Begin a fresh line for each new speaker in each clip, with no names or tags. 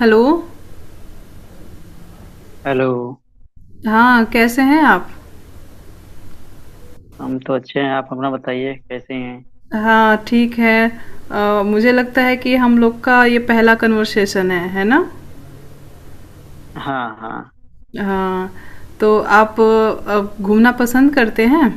Hello.
Hello.
हाँ, कैसे हैं आप?
हम तो अच्छे हैं। आप अपना बताइए, कैसे हैं?
हाँ, ठीक है। मुझे लगता है कि हम लोग का ये पहला कन्वर्सेशन है ना?
हाँ, हाँ।
हाँ। तो आप घूमना पसंद करते हैं?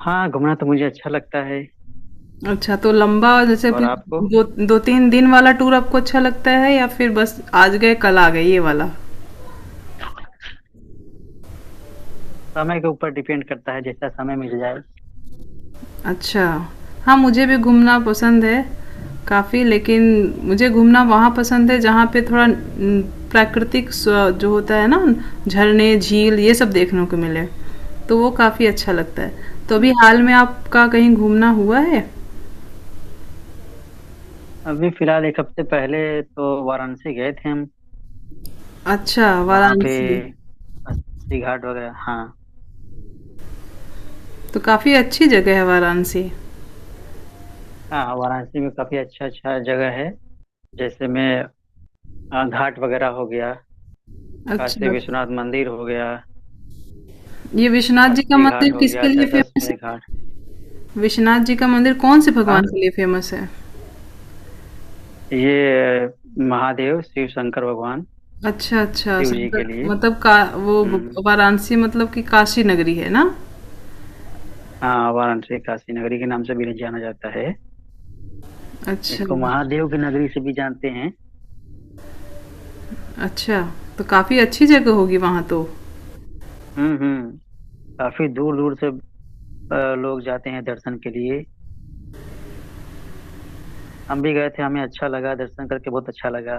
हाँ, घूमना तो मुझे अच्छा लगता है।
अच्छा, तो लंबा जैसे
और
कोई
आपको?
दो दो तीन दिन वाला टूर आपको अच्छा लगता है या फिर बस आज गए कल आ गए ये वाला?
समय के ऊपर डिपेंड करता है, जैसा समय मिल जाए।
अच्छा। हाँ, मुझे भी घूमना पसंद है काफ़ी, लेकिन मुझे घूमना वहाँ पसंद है जहाँ पे थोड़ा न, प्राकृतिक जो होता है ना, झरने, झील, ये सब देखने को मिले, तो वो काफ़ी अच्छा लगता है। तो अभी
हम्म,
हाल में आपका कहीं घूमना हुआ है?
अभी फिलहाल एक हफ्ते पहले तो वाराणसी गए थे हम।
अच्छा,
वहाँ पे
वाराणसी।
अस्सी घाट वगैरह, हाँ।
तो काफ़ी अच्छी जगह है वाराणसी।
हाँ, वाराणसी में काफी अच्छा अच्छा जगह है। जैसे में घाट वगैरह हो गया। काशी
अच्छा,
विश्वनाथ मंदिर हो गया।
ये विश्वनाथ जी का
अस्सी
मंदिर
घाट हो गया,
किसके लिए फेमस
दशाश्वमेध घाट।
है? विश्वनाथ जी का मंदिर कौन से
हाँ,
भगवान के लिए फेमस है?
ये महादेव, शिव शंकर भगवान।
अच्छा, अच्छा,
शिव जी के
संकर
लिए।
मतलब का वो ब
हम्म।
वाराणसी मतलब कि काशी नगरी है ना?
हाँ, वाराणसी काशी नगरी के नाम से भी जाना जाता है।
अच्छा,
इसको महादेव की नगरी से भी जानते हैं।
अच्छा, तो काफ़ी अच्छी जगह होगी वहाँ तो।
हम्म, हम्म। काफी दूर दूर से लोग जाते हैं दर्शन के लिए। हम भी गए थे, हमें अच्छा लगा, दर्शन करके बहुत अच्छा लगा।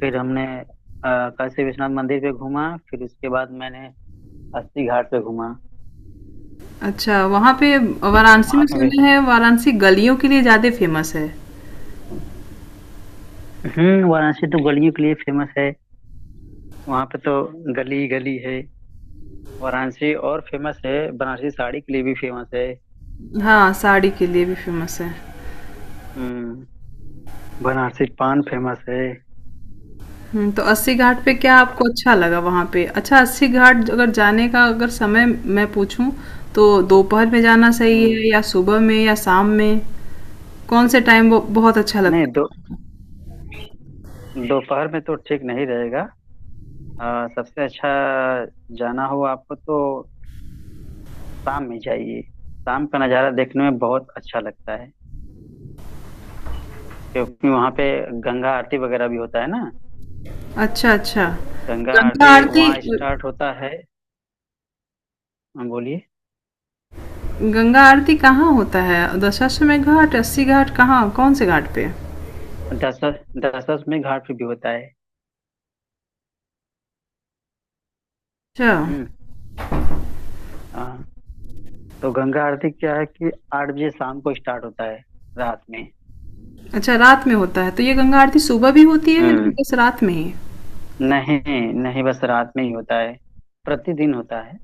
फिर हमने काशी विश्वनाथ मंदिर पे घूमा, फिर उसके बाद मैंने अस्सी घाट पे घूमा।
अच्छा, वहाँ पे वाराणसी
वहां
में
पे भी।
सुने हैं वाराणसी गलियों के लिए ज़्यादा फेमस है।
वाराणसी तो गलियों के लिए फेमस है। वहां पे तो गली गली है वाराणसी। और फेमस है, बनारसी साड़ी के लिए भी फेमस है।
हाँ, साड़ी के लिए भी फेमस है।
हम्म। बनारसी पान फेमस है।
हुँ, तो अस्सी घाट पे क्या आपको अच्छा लगा वहाँ पे? अच्छा, अस्सी घाट अगर जाने का अगर समय मैं पूछूँ तो दोपहर में जाना सही
हम्म,
है या सुबह में या शाम में? कौन से टाइम ब बहुत अच्छा
नहीं।
लगता है?
दो दोपहर में तो ठीक नहीं रहेगा। सबसे अच्छा जाना हो आपको तो शाम में जाइए। शाम का नज़ारा देखने में बहुत अच्छा लगता है। क्योंकि वहाँ पे गंगा आरती वगैरह भी होता है ना।
अच्छा, अच्छा।
गंगा
गंगा
आरती
आरती।
वहाँ
अ,
स्टार्ट होता है। हाँ, बोलिए।
गंगा आरती कहाँ होता है? दशाश्वमेध घाट, अस्सी घाट, कहाँ कौन-से घाट पे?
दशरथ दशरथ में घाट पे भी होता है।
अच्छा,
हम्म, हाँ। तो गंगा आरती क्या है कि 8 बजे शाम को स्टार्ट होता है, रात में।
अच्छा, रात में होता है। तो ये गंगा आरती सुबह भी होती है या
हम्म
बस रात में ही?
नहीं, नहीं, बस रात में ही होता है। प्रतिदिन होता है,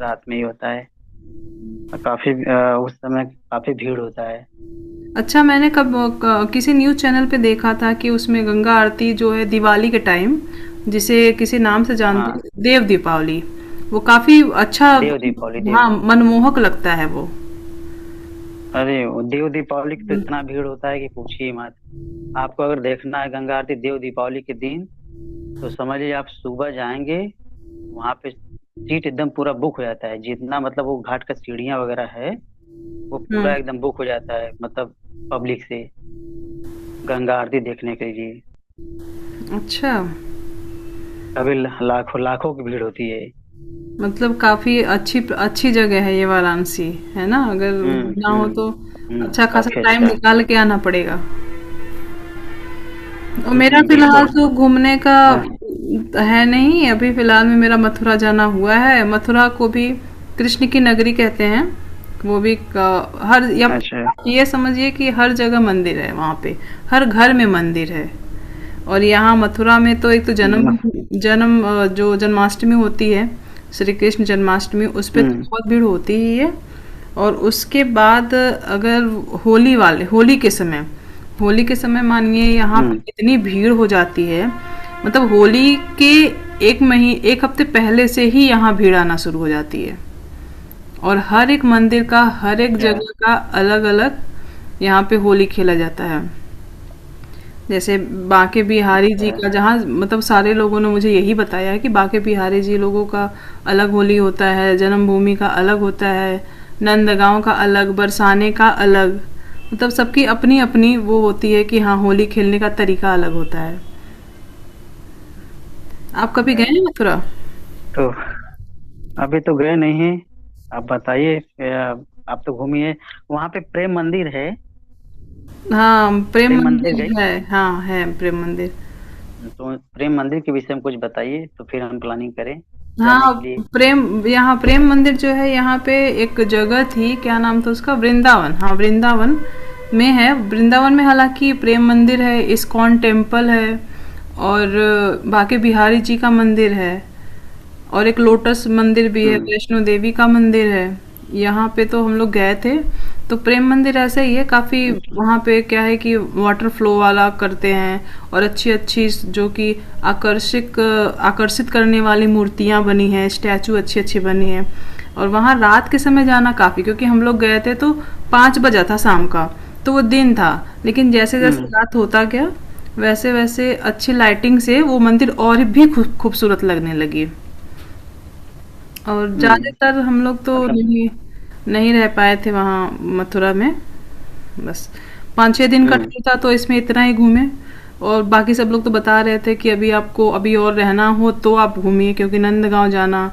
रात में ही होता है। और काफी उस समय काफी भीड़ होता है।
अच्छा, मैंने कब क किसी न्यूज़ चैनल पे देखा था कि उसमें गंगा आरती जो है दिवाली के टाइम, जिसे किसी नाम से जानते
हाँ,
हैं देव दीपावली, वो काफ़ी अच्छा,
देव दीपावली। देव
हाँ, मनमोहक लगता है वो।
अरे वो देव दीपावली की तो इतना भीड़ होता है कि पूछिए मत। आपको अगर देखना है गंगा आरती देव दीपावली के दिन तो समझिए आप सुबह जाएंगे वहां पे। सीट एकदम पूरा बुक हो जाता है, जितना मतलब वो घाट का सीढ़ियाँ वगैरह है, वो
हुँ,
पूरा एकदम बुक हो जाता है, मतलब, पब्लिक से गंगा आरती देखने के लिए।
अच्छा।
कभी लाखों लाखों की भीड़ होती है।
मतलब काफ़ी अच्छी अच्छी जगह है ये वाराणसी, है ना? अगर
हम्म,
घूमना हो
हम्म,
तो
हम्म।
अच्छा खासा
काफी
टाइम
अच्छा।
निकाल के आना पड़ेगा। और मेरा
हम्म,
फिलहाल
बिल्कुल।
तो घूमने का
हाँ।
है नहीं, अभी फिलहाल में मेरा मथुरा जाना हुआ है। मथुरा को भी कृष्ण की नगरी कहते हैं। वो भी क हर या
अच्छा।
आप ये समझिए कि हर जगह मंदिर है वहाँ पे, हर घर में मंदिर है। और यहाँ मथुरा में तो एक तो जन्म
हम्म,
जन्म अ, जो जन्माष्टमी होती है, श्री कृष्ण जन्माष्टमी उस पे
हम्म,
तो बहुत भीड़ होती ही है। और उसके बाद अगर होली के समय, होली के समय मानिए यहाँ पे
हम्म।
इतनी भीड़ हो जाती है, मतलब होली के एक मही एक हफ्ते पहले से ही यहाँ भीड़ आना शुरू हो जाती है। और हर एक मंदिर का, हर एक
अच्छा,
जगह का अलग अलग यहाँ पे होली खेला जाता है। जैसे बांके बिहारी जी
अच्छा,
का जहाँ मतलब सारे लोगों ने मुझे यही बताया है कि बांके बिहारी जी लोगों का अलग होली होता है, जन्मभूमि का अलग होता है, नंदगांव का अलग, बरसाने का अलग। मतलब सबकी अपनी-अपनी वो होती है कि हाँ, होली खेलने का तरीका अलग होता है। आप कभी
अच्छा।
गए हैं मथुरा?
तो अभी तो गए नहीं हैं। आप बताइए। आप तो घूमिए। वहाँ पे प्रेम मंदिर है।
हाँ, प्रेम
प्रेम मंदिर
मंदिर
गई।
है। हाँ, है प्रेम मंदिर।
तो प्रेम मंदिर के विषय में कुछ बताइए तो फिर हम प्लानिंग करें जाने के
हाँ
लिए।
प्रेम यहाँ प्रेम मंदिर जो है, यहाँ पे एक जगह थी क्या नाम था उसका, वृंदावन, हाँ वृंदावन में है, वृंदावन में हालांकि प्रेम मंदिर है, इस्कॉन टेम्पल है, और बाके बिहारी जी का मंदिर है, और एक लोटस मंदिर भी है,
हम्म,
वैष्णो देवी का मंदिर है। यहाँ पे तो हम लोग गए थे, तो प्रेम मंदिर ऐसा ही है, काफ़ी वहाँ पे क्या है कि वाटर फ्लो वाला करते हैं, और अच्छी अच्छी जो कि आकर्षक, आकर्षित करने वाली मूर्तियाँ बनी हैं, स्टैचू अच्छी अच्छी बनी हैं। और वहाँ रात के समय जाना काफ़ी, क्योंकि हम लोग गए थे तो पाँच बजा था शाम का, तो वो दिन था, लेकिन जैसे जैसे
हम्म,
रात होता गया, वैसे वैसे अच्छी लाइटिंग से वो मंदिर और भी खूबसूरत लगने लगी। और
हम्म।
ज़्यादातर हम लोग तो
मतलब।
नहीं नहीं रह पाए थे वहाँ मथुरा में, बस पाँच छः दिन का
हम्म,
ट्रिप था, तो इसमें इतना ही घूमे। और बाकी सब लोग तो बता रहे थे कि अभी आपको अभी और रहना हो तो आप घूमिए, क्योंकि नंदगांव जाना,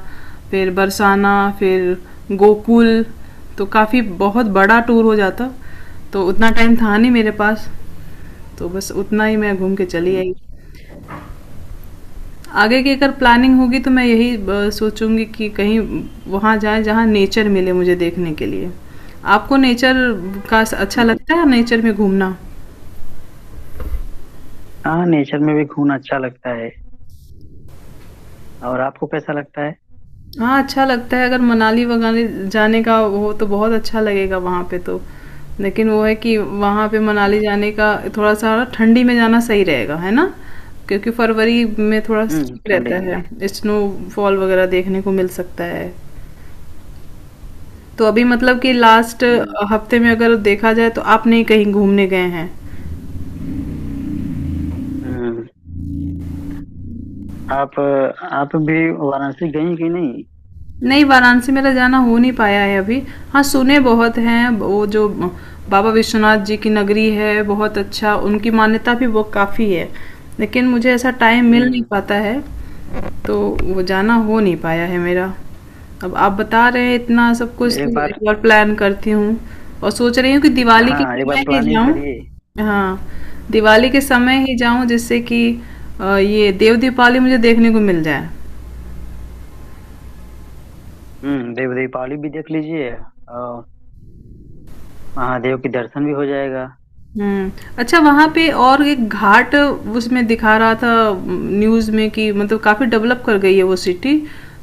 फिर बरसाना, फिर गोकुल, तो काफ़ी बहुत बड़ा टूर हो जाता, तो उतना टाइम था नहीं मेरे पास, तो बस उतना ही मैं घूम के चली
हम्म,
आई। आगे की अगर प्लानिंग होगी तो मैं यही सोचूंगी कि कहीं वहाँ जाएं जहाँ नेचर मिले मुझे देखने के लिए। आपको नेचर का अच्छा
हम्म।
लगता है, नेचर में घूमना?
हाँ, नेचर में भी घूमना अच्छा लगता है। और आपको कैसा लगता है?
हाँ, अच्छा लगता है, अगर मनाली वगाने जाने का हो तो बहुत अच्छा लगेगा वहाँ पे तो। लेकिन वो है कि वहाँ पे मनाली
हम्म,
जाने का थोड़ा-सा ठंडी में जाना सही रहेगा, है ना? क्योंकि फरवरी में थोड़ा स
हम्म,
ठीक
ठंडे
रहता
में।
है, स्नोफॉल वगैरह देखने को मिल सकता है। तो अभी मतलब कि लास्ट
हम्म,
हफ्ते में अगर देखा जाए तो आप नहीं कहीं घूमने गए हैं?
हम्म। आप आप भी वाराणसी गई कि नहीं?
नहीं, वाराणसी मेरा जाना हो नहीं पाया है अभी। हाँ, सुने बहुत हैं वो जो बाबा विश्वनाथ जी की नगरी है, बहुत अच्छा उनकी मान्यता भी वो काफ़ी है, लेकिन मुझे ऐसा टाइम मिल नहीं
हम्म
पाता है, तो वो जाना हो नहीं पाया है मेरा। अब आप बता रहे हैं इतना सब कुछ
एक
तो
बार।
एक बार प्लान करती हूँ, और सोच रही हूँ कि दिवाली के
हाँ, एक बार
समय ही
प्लानिंग करिए।
जाऊँ। हाँ, दिवाली के समय ही जाऊँ जिससे कि ये देव दीपावली मुझे देखने को मिल जाए।
देव दीपावली भी देख लीजिए। और महादेव के दर्शन भी हो जाएगा।
हुँ। अच्छा, वहाँ पे और एक घाट उसमें दिखा रहा था न्यूज़ में कि मतलब काफ़ी डेवलप कर गई है वो सिटी।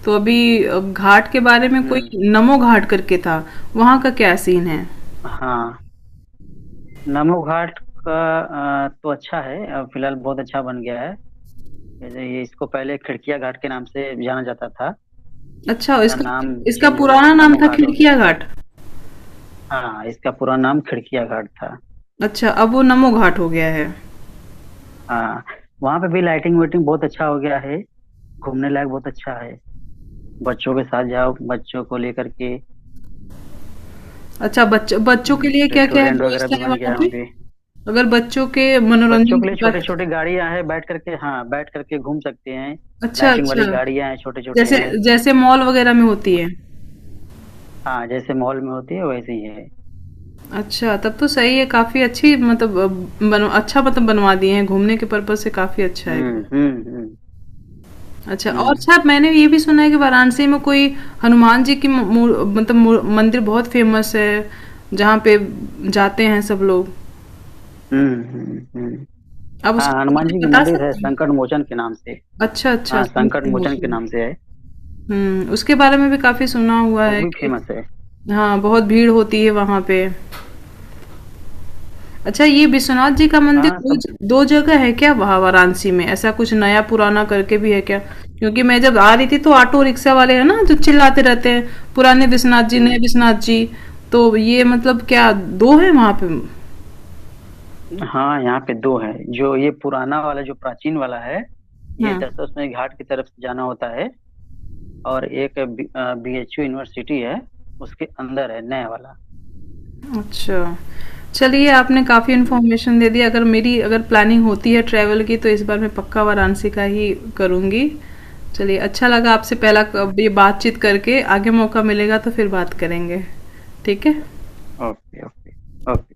तो अभी घाट के बारे में कोई
हम्म
नमो घाट करके था, वहाँ का क्या सीन है?
हाँ, नमो घाट का तो अच्छा है। फिलहाल बहुत अच्छा बन गया है। जैसे ये इसको पहले खिड़किया घाट के नाम से जाना जाता था।
अच्छा
इसका
इसका
नाम
इसका
चेंज होकर
पुराना
के
नाम
नमो
था
घाट हो गया
खिड़किया
है।
घाट?
हाँ, इसका पूरा नाम खिड़किया घाट था।
अच्छा, अब वो नमो घाट हो गया है।
हाँ, वहाँ पे भी लाइटिंग वाइटिंग बहुत अच्छा हो गया है। घूमने लायक बहुत अच्छा है। बच्चों के साथ जाओ, बच्चों को लेकर के।
अच्छा, बच्चों के लिए क्या-क्या है,
रेस्टोरेंट वगैरह
व्यवस्था
भी
है
बन गया
वहाँ
है
पे?
वहाँ पे।
अगर बच्चों के
बच्चों
मनोरंजन
के
की
लिए छोटे
बात,
छोटे गाड़ियां हैं, बैठ करके, हाँ, बैठ करके घूम सकते हैं।
अच्छा,
लाइटिंग वाली
अच्छा।
गाड़ियां हैं, छोटे छोटे
जैसे,
हैं।
जैसे मॉल वगैरह में होती है।
हाँ, जैसे मॉल में होती है वैसे ही है।
अच्छा, तब तो सही है, काफ़ी अच्छी मतलब अ, बन अच्छा मतलब बनवा दिए हैं, घूमने के पर्पज़ से काफ़ी अच्छा है
हम्म,
ये।
हम्म, हम्म,
अच्छा और
हम्म,
अच्छा मैंने ये भी सुना है कि वाराणसी में कोई हनुमान जी की म मू मूर- मतलब मू मंदिर बहुत फ़ेमस है, जहाँ पे जाते हैं सब लोग।
हम्म,
आप
हाँ,
उसके
हनुमान
बारे
जी की
में बता
मंदिर है,
सकते
संकट
हैं?
मोचन के नाम से।
अच्छा, अच्छा।
हाँ, संकट मोचन के नाम से है।
हुँ, उसके बारे में भी काफ़ी सुना हुआ
वो
है
भी
कि
फेमस है।
हाँ, बहुत भीड़ होती है वहाँ पे। अच्छा, ये विश्वनाथ जी का मंदिर
हाँ,
दो
सब।
ज 2 जगह है क्या वहाँ वाराणसी में? ऐसा कुछ नया-पुराना करके भी है क्या? क्योंकि मैं जब आ रही थी तो ऑटो रिक्शा वाले हैं ना जो चिल्लाते रहते हैं, पुराने विश्वनाथ जी, नए
हम्म।
विश्वनाथ जी। तो ये मतलब क्या 2 हैं वहाँ पे?
हाँ, यहाँ पे दो है, जो ये पुराना वाला, जो प्राचीन वाला है।
हुँ।
ये दशाश्वमेध घाट की तरफ से जाना होता है। और एक BHU यूनिवर्सिटी है, उसके अंदर है नया वाला।
अच्छा। चलिए, आपने काफ़ी
हम्म,
इन्फॉर्मेशन दे दी, अगर मेरी अगर प्लानिंग होती है ट्रैवल की तो इस बार मैं पक्का वाराणसी का ही करूँगी। चलिए, अच्छा लगा आपसे पहला क
हम्म।
ये बातचीत करके, आगे मौका मिलेगा तो फिर बात करेंगे। ठीक है?
Okay, okay, okay.